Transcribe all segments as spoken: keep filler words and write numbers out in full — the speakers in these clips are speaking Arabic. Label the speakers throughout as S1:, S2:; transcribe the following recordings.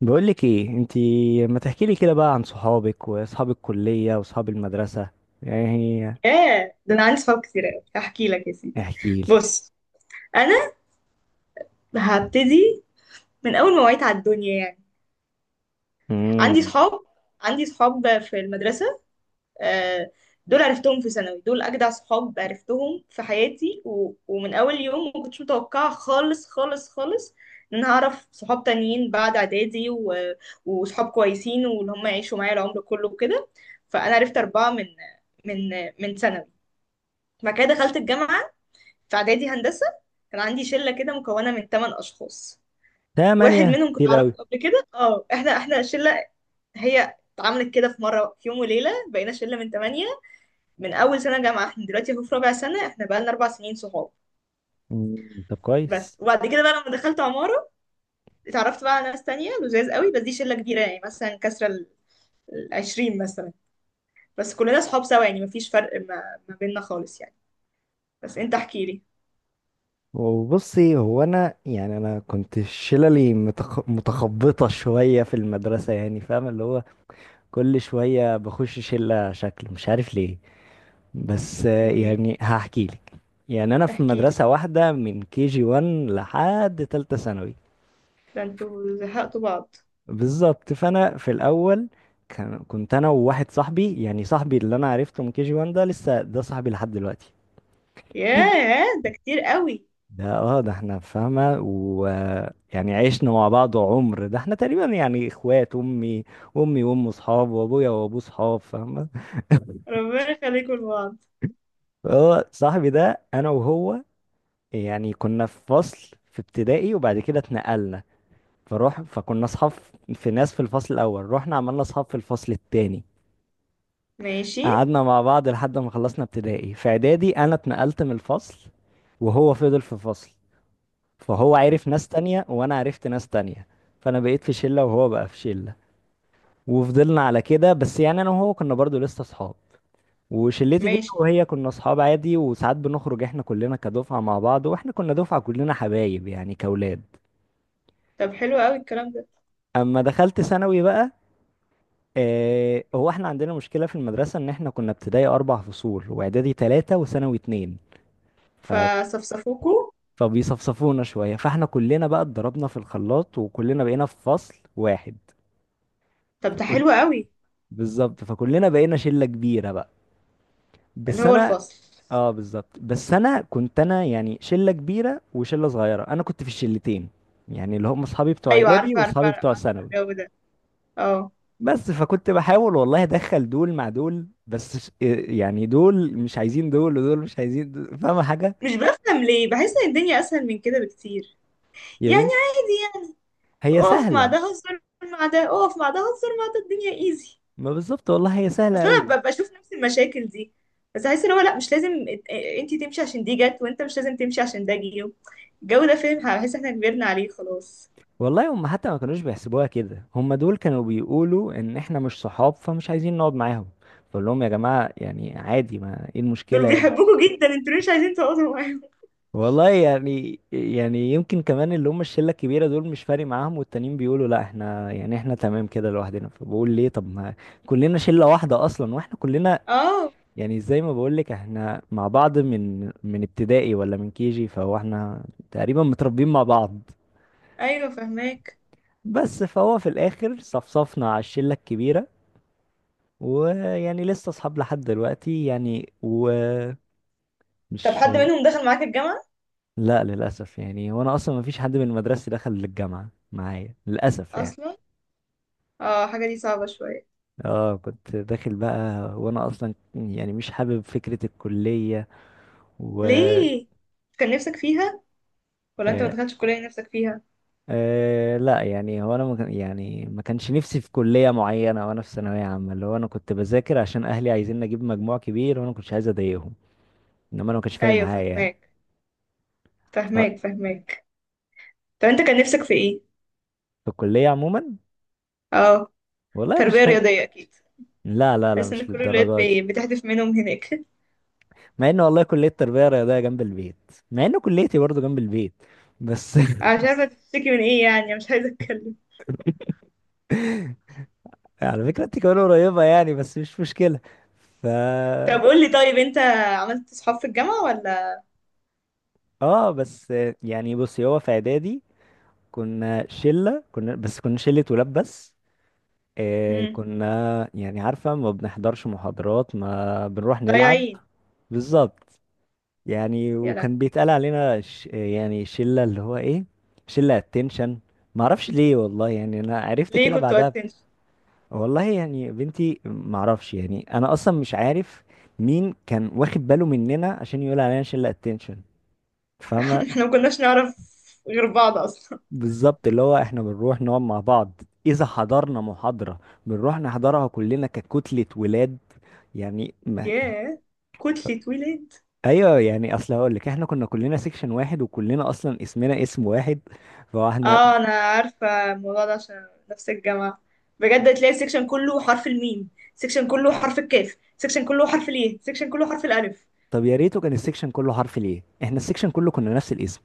S1: بقولك ايه انتي؟ ما تحكيلي كده بقى عن صحابك واصحاب الكلية واصحاب المدرسة. يعني
S2: ياه، ده انا عندي صحاب كتير قوي، هحكي لك يا سيدي.
S1: احكيلي.
S2: بص. انا هبتدي من اول ما وعيت على الدنيا يعني. عندي
S1: امم
S2: صحاب عندي صحاب في المدرسه. آه. دول عرفتهم في ثانوي، دول اجدع صحاب عرفتهم في حياتي و... ومن اول يوم ما كنتش متوقعه خالص خالص خالص ان انا هعرف صحاب تانيين بعد اعدادي و... وصحاب كويسين واللي هم يعيشوا معايا العمر كله وكده. فانا عرفت اربعه من من من ثانوي. بعد كده دخلت الجامعه. في اعدادي هندسه كان عندي شله كده مكونه من ثمان اشخاص. واحد
S1: تمانية
S2: منهم كنت
S1: كتير
S2: اعرفه
S1: اوي.
S2: قبل كده. اه احنا احنا شله، هي اتعملت كده في مره، في يوم وليله بقينا شله من ثمانيه. من اول سنه جامعه احنا دلوقتي اهو في رابع سنه، احنا بقى لنا اربع سنين صحاب.
S1: مم. طب
S2: بس.
S1: كويس.
S2: وبعد كده بقى لما دخلت عماره، اتعرفت بقى على ناس تانية لذاذ قوي. بس دي شله كبيره، يعني مثلا كسره ال ال عشرين مثلا. بس كلنا صحاب سوا، يعني مفيش فرق ما, ما بيننا خالص يعني. بس انت احكي لي.
S1: وبصي، هو انا يعني انا كنت شللي متخ... متخبطة شوية في المدرسة، يعني فاهم؟ اللي هو كل شوية بخش شلة شكل، مش عارف ليه. بس آه،
S2: ليه؟
S1: يعني هحكيلك. يعني انا في
S2: احكي لي.
S1: مدرسة واحدة من كي جي واحد لحد تالتة ثانوي.
S2: ده انتوا زهقتوا بعض؟
S1: بالظبط. فانا في الاول كان كنت انا وواحد صاحبي، يعني صاحبي اللي انا عرفته من كي جي واحد ده، لسه ده صاحبي لحد دلوقتي. في بقى-
S2: ياه ده كتير قوي.
S1: ده، اه ده احنا فاهمه، ويعني عشنا مع بعض عمر، ده احنا تقريبا يعني اخوات امي امي وامه صحاب وابويا وابوه صحاب، فاهمه؟
S2: ربنا يخليكم لبعض.
S1: هو صاحبي ده انا وهو يعني كنا في فصل في ابتدائي، وبعد كده اتنقلنا، فروح فكنا اصحاب. في ناس في الفصل الاول، رحنا عملنا اصحاب في الفصل التاني.
S2: ماشي.
S1: قعدنا مع بعض لحد ما خلصنا ابتدائي. في اعدادي انا اتنقلت من الفصل، وهو فضل في فصل، فهو عرف ناس تانية وانا عرفت ناس تانية، فانا بقيت في شلة وهو بقى في شلة. وفضلنا على كده، بس يعني انا وهو كنا برضو لسه اصحاب. وشلتي دي
S2: ماشي.
S1: أنا وهي كنا اصحاب عادي، وساعات بنخرج احنا كلنا كدفعة مع بعض، واحنا كنا دفعة كلنا حبايب يعني كاولاد.
S2: طب حلو قوي الكلام ده.
S1: اما دخلت ثانوي بقى، آه هو احنا عندنا مشكلة في المدرسة، ان احنا كنا ابتدائي اربع فصول، واعدادي ثلاثة، وثانوي اتنين.
S2: فصفصفوكوا.
S1: فبيصفصفونا شوية، فاحنا كلنا بقى اتضربنا في الخلاط، وكلنا بقينا في فصل واحد.
S2: طب ده
S1: فكل
S2: حلو قوي.
S1: بالظبط، فكلنا بقينا شلة كبيرة بقى.
S2: اللي
S1: بس
S2: هو
S1: انا.
S2: الفصل.
S1: اه، بالظبط. بس انا كنت، انا يعني شلة كبيرة وشلة صغيرة، انا كنت في الشلتين، يعني اللي هم اصحابي بتوع
S2: ايوه،
S1: اعدادي
S2: عارفه، عارفه،
S1: واصحابي
S2: عارفه.
S1: بتوع ثانوي.
S2: الجو ده. اه.
S1: بس فكنت بحاول والله ادخل دول مع دول، بس ش- آه، يعني دول مش عايزين دول ودول مش عايزين دول. فاهمة حاجة؟
S2: مش بفهم ليه، بحس ان الدنيا اسهل من كده بكتير.
S1: يا
S2: يعني
S1: بنت،
S2: عادي يعني.
S1: هي
S2: اقف مع
S1: سهلة.
S2: ده هزر مع ده، اقف مع ده هزر مع ده، الدنيا ايزي.
S1: ما بالظبط والله، هي سهلة
S2: اصل انا
S1: قوي.
S2: ببقى بشوف نفس المشاكل دي، بس احس ان هو لا مش لازم. انت تمشي عشان دي جت، وانت مش لازم تمشي عشان ده جه. الجو ده فاهم، هحس احنا كبرنا عليه خلاص.
S1: والله هم حتى ما كانوش بيحسبوها كده، هم دول كانوا بيقولوا ان احنا مش صحاب فمش عايزين نقعد معاهم، بقول لهم يا جماعة يعني عادي، ما ايه
S2: دول
S1: المشكلة يعني؟
S2: بيحبوكوا جدا، انتوا ليه مش عايزين تقعدوا معاهم؟
S1: والله يعني يعني يمكن كمان اللي هم الشلة الكبيرة دول مش فارق معاهم، والتانيين بيقولوا لا، احنا يعني احنا تمام كده لوحدنا، فبقول ليه؟ طب ما كلنا شلة واحدة اصلا، واحنا كلنا
S2: اه.
S1: يعني زي ما بقول لك احنا مع بعض من من ابتدائي، ولا من كيجي، فهو احنا تقريبا متربيين مع بعض.
S2: ايوه فهماك.
S1: بس فهو في الاخر صفصفنا على الشلة الكبيرة، ويعني لسه اصحاب لحد دلوقتي يعني، ومش.
S2: طب حد منهم دخل معاك الجامعة؟
S1: لا للاسف، يعني وانا اصلا ما فيش حد من مدرستي دخل الجامعه معايا للاسف يعني.
S2: اصلا؟ اه، حاجة دي صعبة شوية.
S1: اه كنت داخل بقى، وانا اصلا يعني مش حابب فكره الكليه و
S2: ليه؟ كان نفسك فيها؟ ولا انت ما
S1: آه
S2: دخلتش الكلية اللي نفسك فيها؟
S1: آه لا. يعني هو انا ما كان- يعني ما كانش نفسي في كليه معينه، وانا في ثانويه عامه اللي هو انا كنت بذاكر عشان اهلي عايزين اجيب مجموع كبير، وانا ما كنتش عايز اضايقهم، انما انا ما كانش فارق
S2: ايوه
S1: معايا يعني.
S2: فهماك،
S1: ف-
S2: فهماك، فهماك. طب انت كان نفسك في ايه؟
S1: في الكليه عموما.
S2: اه،
S1: والله ما كانش
S2: تربية
S1: فارق.
S2: رياضية اكيد.
S1: لا لا لا،
S2: حاسس ان
S1: مش
S2: كل الولاد
S1: للدرجة دي.
S2: بي- بتحدف منهم هناك.
S1: مع ان والله كلية تربية رياضية جنب البيت، مع ان كليتي برضو جنب البيت بس
S2: انا مش عارفه تشتكي من ايه، يعني أنا مش عايزه اتكلم.
S1: على فكرة انت كمان قريبة يعني، بس مش مشكلة. ف
S2: طب قول لي طيب، انت عملت صحاب في الجامعه ولا؟
S1: اه، بس يعني، بصي هو في اعدادي كنا شلة كنا بس كنا شلة ولاد بس. آه
S2: امم.
S1: كنا يعني عارفة، ما بنحضرش محاضرات، ما بنروح نلعب.
S2: ضايعين.
S1: بالظبط. يعني
S2: يا
S1: وكان
S2: لهوي.
S1: بيتقال علينا ش... يعني شلة اللي هو ايه، شلة اتنشن. معرفش ليه والله، يعني انا عرفت
S2: ليه
S1: كده
S2: كنتوا
S1: بعدها.
S2: اتنشن؟
S1: والله يعني بنتي معرفش، يعني انا اصلا مش عارف مين كان واخد باله مننا عشان يقول علينا شلة اتنشن، فاهمة؟
S2: احنا ما كناش نعرف غير بعض اصلا.
S1: بالظبط. اللي هو احنا بنروح نقعد مع بعض، اذا حضرنا محاضرة بنروح نحضرها كلنا ككتلة ولاد، يعني ما يعني.
S2: ياه، كتلة ولاد.
S1: ايوه، يعني اصل هقول لك احنا كنا كلنا سيكشن واحد، وكلنا اصلا اسمنا اسم واحد، فاحنا.
S2: اه، انا عارفه الموضوع ده عشان نفس الجامعه. بجد تلاقي السكشن كله حرف الميم، سكشن كله حرف الكاف، سكشن كله حرف الايه، سكشن كله حرف الالف.
S1: طب يا ريته كان السكشن كله حرف، ليه احنا السكشن كله كنا نفس الاسم؟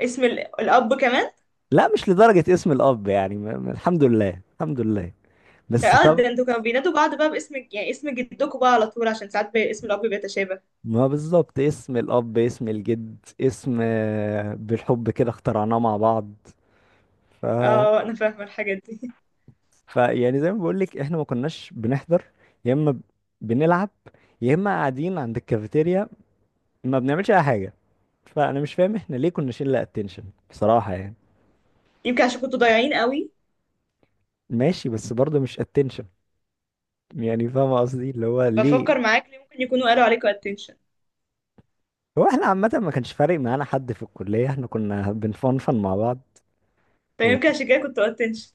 S2: اسم ال- الاب كمان.
S1: لا، مش لدرجة اسم الاب، يعني ما- ما- الحمد لله، الحمد لله. بس
S2: اه،
S1: طب.
S2: ده انتوا كانوا بينادوا بعض بقى باسم، يعني اسم جدكم بقى على طول عشان ساعات بي- اسم الاب بيتشابه.
S1: ما بالظبط، اسم الاب، اسم الجد، اسم، آه، بالحب كده اخترعناه مع بعض. ف...
S2: اه، انا فاهمه الحاجات دي.
S1: ف يعني زي ما بقول لك احنا ما كناش بنحضر، يا اما ب- بنلعب، يا اما قاعدين عند الكافيتيريا، ما بنعملش اي حاجة. فانا مش فاهم احنا ليه كنا شلة اتنشن بصراحة يعني.
S2: يمكن عشان كنتوا ضايعين قوي.
S1: ماشي، بس برضه مش اتنشن. يعني فاهم قصدي، اللي هو ليه.
S2: بفكر معاك ليه ممكن يكونوا قالوا عليكم اتنشن.
S1: هو احنا عامة ما كانش فارق معانا حد في الكلية، احنا كنا بنفنفن مع بعض. يعني
S2: فيمكن عشان كده كنتوا اتنشن.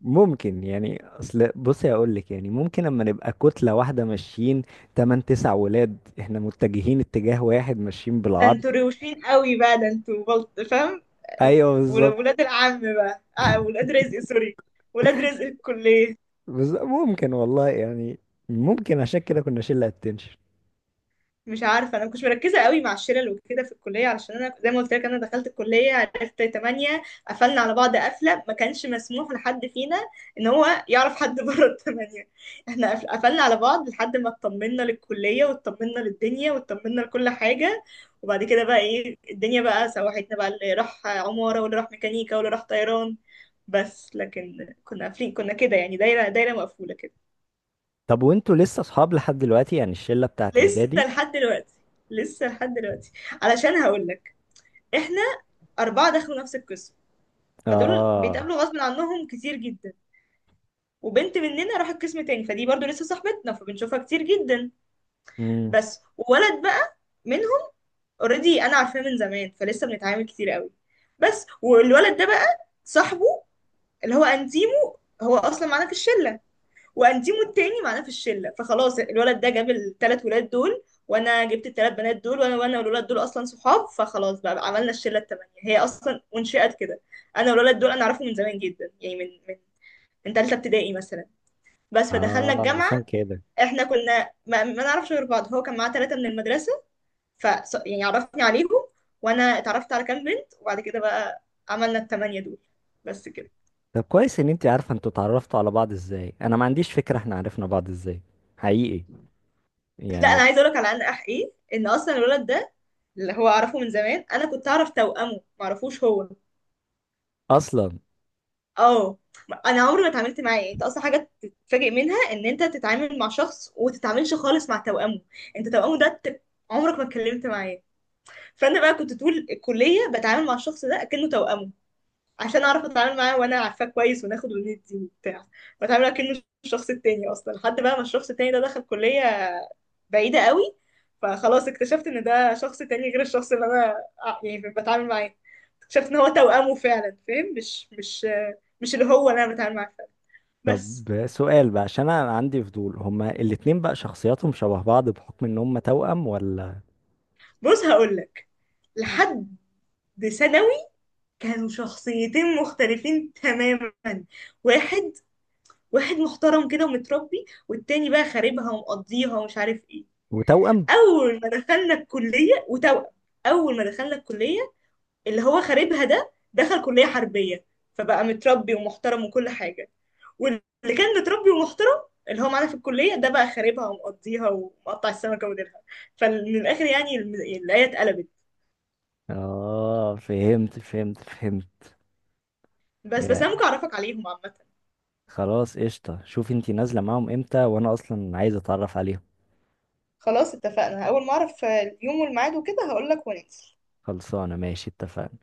S1: ممكن يعني، اصل بصي اقول لك، يعني ممكن لما نبقى كتلة واحدة ماشيين تمن تسع ولاد، احنا متجهين اتجاه واحد ماشيين
S2: ده
S1: بالعرض.
S2: انتوا روشين قوي بقى، ده انتوا بلط فاهم.
S1: ايوه
S2: ول-
S1: بالظبط.
S2: ولاد العم بقى. آه، ولاد رزق. سوري، ولاد رزق الكليه.
S1: بس ممكن والله يعني، ممكن عشان كده كنا شلة اتنشن.
S2: مش عارفه، انا مكنتش مركزه قوي مع الشلل وكده في الكليه، علشان انا زي ما قلت لك انا دخلت الكليه عرفت تمانية. قفلنا على بعض قفله ما كانش مسموح لحد فينا ان هو يعرف حد بره الثمانيه. احنا قف- قفلنا على بعض لحد ما اطمنا للكليه واطمنا للدنيا واطمنا لكل حاجه. وبعد كده بقى ايه، الدنيا بقى سوحتنا بقى، اللي راح عماره واللي راح ميكانيكا واللي راح طيران. بس لكن كنا قافلين كنا كده، يعني دايره دايره مقفوله كده.
S1: طب وانتوا لسه اصحاب لحد دلوقتي، يعني الشلة بتاعت
S2: لسه
S1: اعدادي؟
S2: لحد دلوقتي. لسه لحد دلوقتي. علشان هقول لك، احنا أربعة دخلوا نفس القسم، فدول
S1: اه.
S2: بيتقابلوا غصب عنهم كتير جدا. وبنت مننا راحت قسم تاني، فدي برضو لسه صاحبتنا فبنشوفها كتير جدا.
S1: امم
S2: بس ولد بقى منهم اوريدي انا عارفاه من زمان، فلسه بنتعامل كتير قوي. بس والولد ده بقى صاحبه اللي هو انتيمو هو اصلا معانا في الشله، وانتيمو التاني معانا في الشله، فخلاص الولد ده جاب الثلاث ولاد دول وانا جبت الثلاث بنات دول، وانا وانا والولاد دول اصلا صحاب، فخلاص بقى عملنا الشله الثمانيه، هي اصلا انشئت كده. انا والولد دول انا اعرفهم من زمان جدا، يعني من من من ثالثه ابتدائي مثلا. بس فدخلنا
S1: اه،
S2: الجامعه،
S1: عشان كده.
S2: احنا كنا ما, ما نعرفش غير بعض، هو كان معاه ثلاثه من المدرسه. ف يعني عرفني عليهم، وانا اتعرفت على كام بنت. وبعد كده بقى عملنا الثمانيه دول. بس كده.
S1: طب كويس ان انت عارفه انتوا اتعرفتوا على بعض ازاي، انا ما عنديش فكره احنا عرفنا بعض ازاي حقيقي
S2: لا انا
S1: يعني.
S2: عايزه اقول لك على ان اح ايه، ان اصلا الولد ده اللي هو اعرفه من زمان انا كنت اعرف توأمه، معرفوش هو.
S1: اصلا.
S2: اه. انا عمري ما اتعاملت معاه، يعني انت اصلا حاجه تتفاجئ منها ان انت تتعامل مع شخص وتتعاملش خالص مع توأمه. انت توأمه ده ت- عمرك ما اتكلمت معاه. فانا بقى كنت طول الكليه بتعامل مع الشخص ده اكنه توأمه، عشان اعرف اتعامل معاه وانا عارفاه كويس وناخد وندي وبتاع. بتعامل اكنه الشخص التاني، اصلا لحد بقى ما الشخص التاني ده دخل كليه بعيدة قوي، فخلاص اكتشفت ان ده شخص تاني غير الشخص اللي انا ع- يعني بتعامل معاه. اكتشفت ان هو توأمه فعلا، فاهم؟ مش مش مش اللي هو اللي انا بتعامل معاه فعلا. بس.
S1: طب سؤال بقى، عشان انا عندي فضول، هما الاتنين بقى شخصياتهم شبه بعض بحكم ان هما توأم، ولا؟
S2: بص هقولك. لحد ثانوي كانوا شخصيتين مختلفين تماما. واحد واحد محترم كده ومتربي، والتاني بقى خاربها ومقضيها ومش عارف ايه.
S1: وتوأم.
S2: اول ما دخلنا الكلية وتوأم اول ما دخلنا الكلية اللي هو خاربها ده دخل كلية حربية، فبقى متربي ومحترم وكل حاجة. واللي كان متربي ومحترم اللي هو معانا في الكلية ده بقى خاربها ومقضيها ومقطع السمكة وديلها. فمن الآخر يعني الم- الآية اتقلبت.
S1: اه، فهمت فهمت فهمت.
S2: بس بس أنا
S1: يعني
S2: ممكن أعرفك عليهم عامة.
S1: خلاص قشطه، شوف انت نازله معاهم امتى وانا اصلا عايز اتعرف عليهم.
S2: خلاص اتفقنا، أول ما أعرف اليوم والميعاد وكده هقولك وننزل.
S1: خلصانه، ماشي، اتفقنا.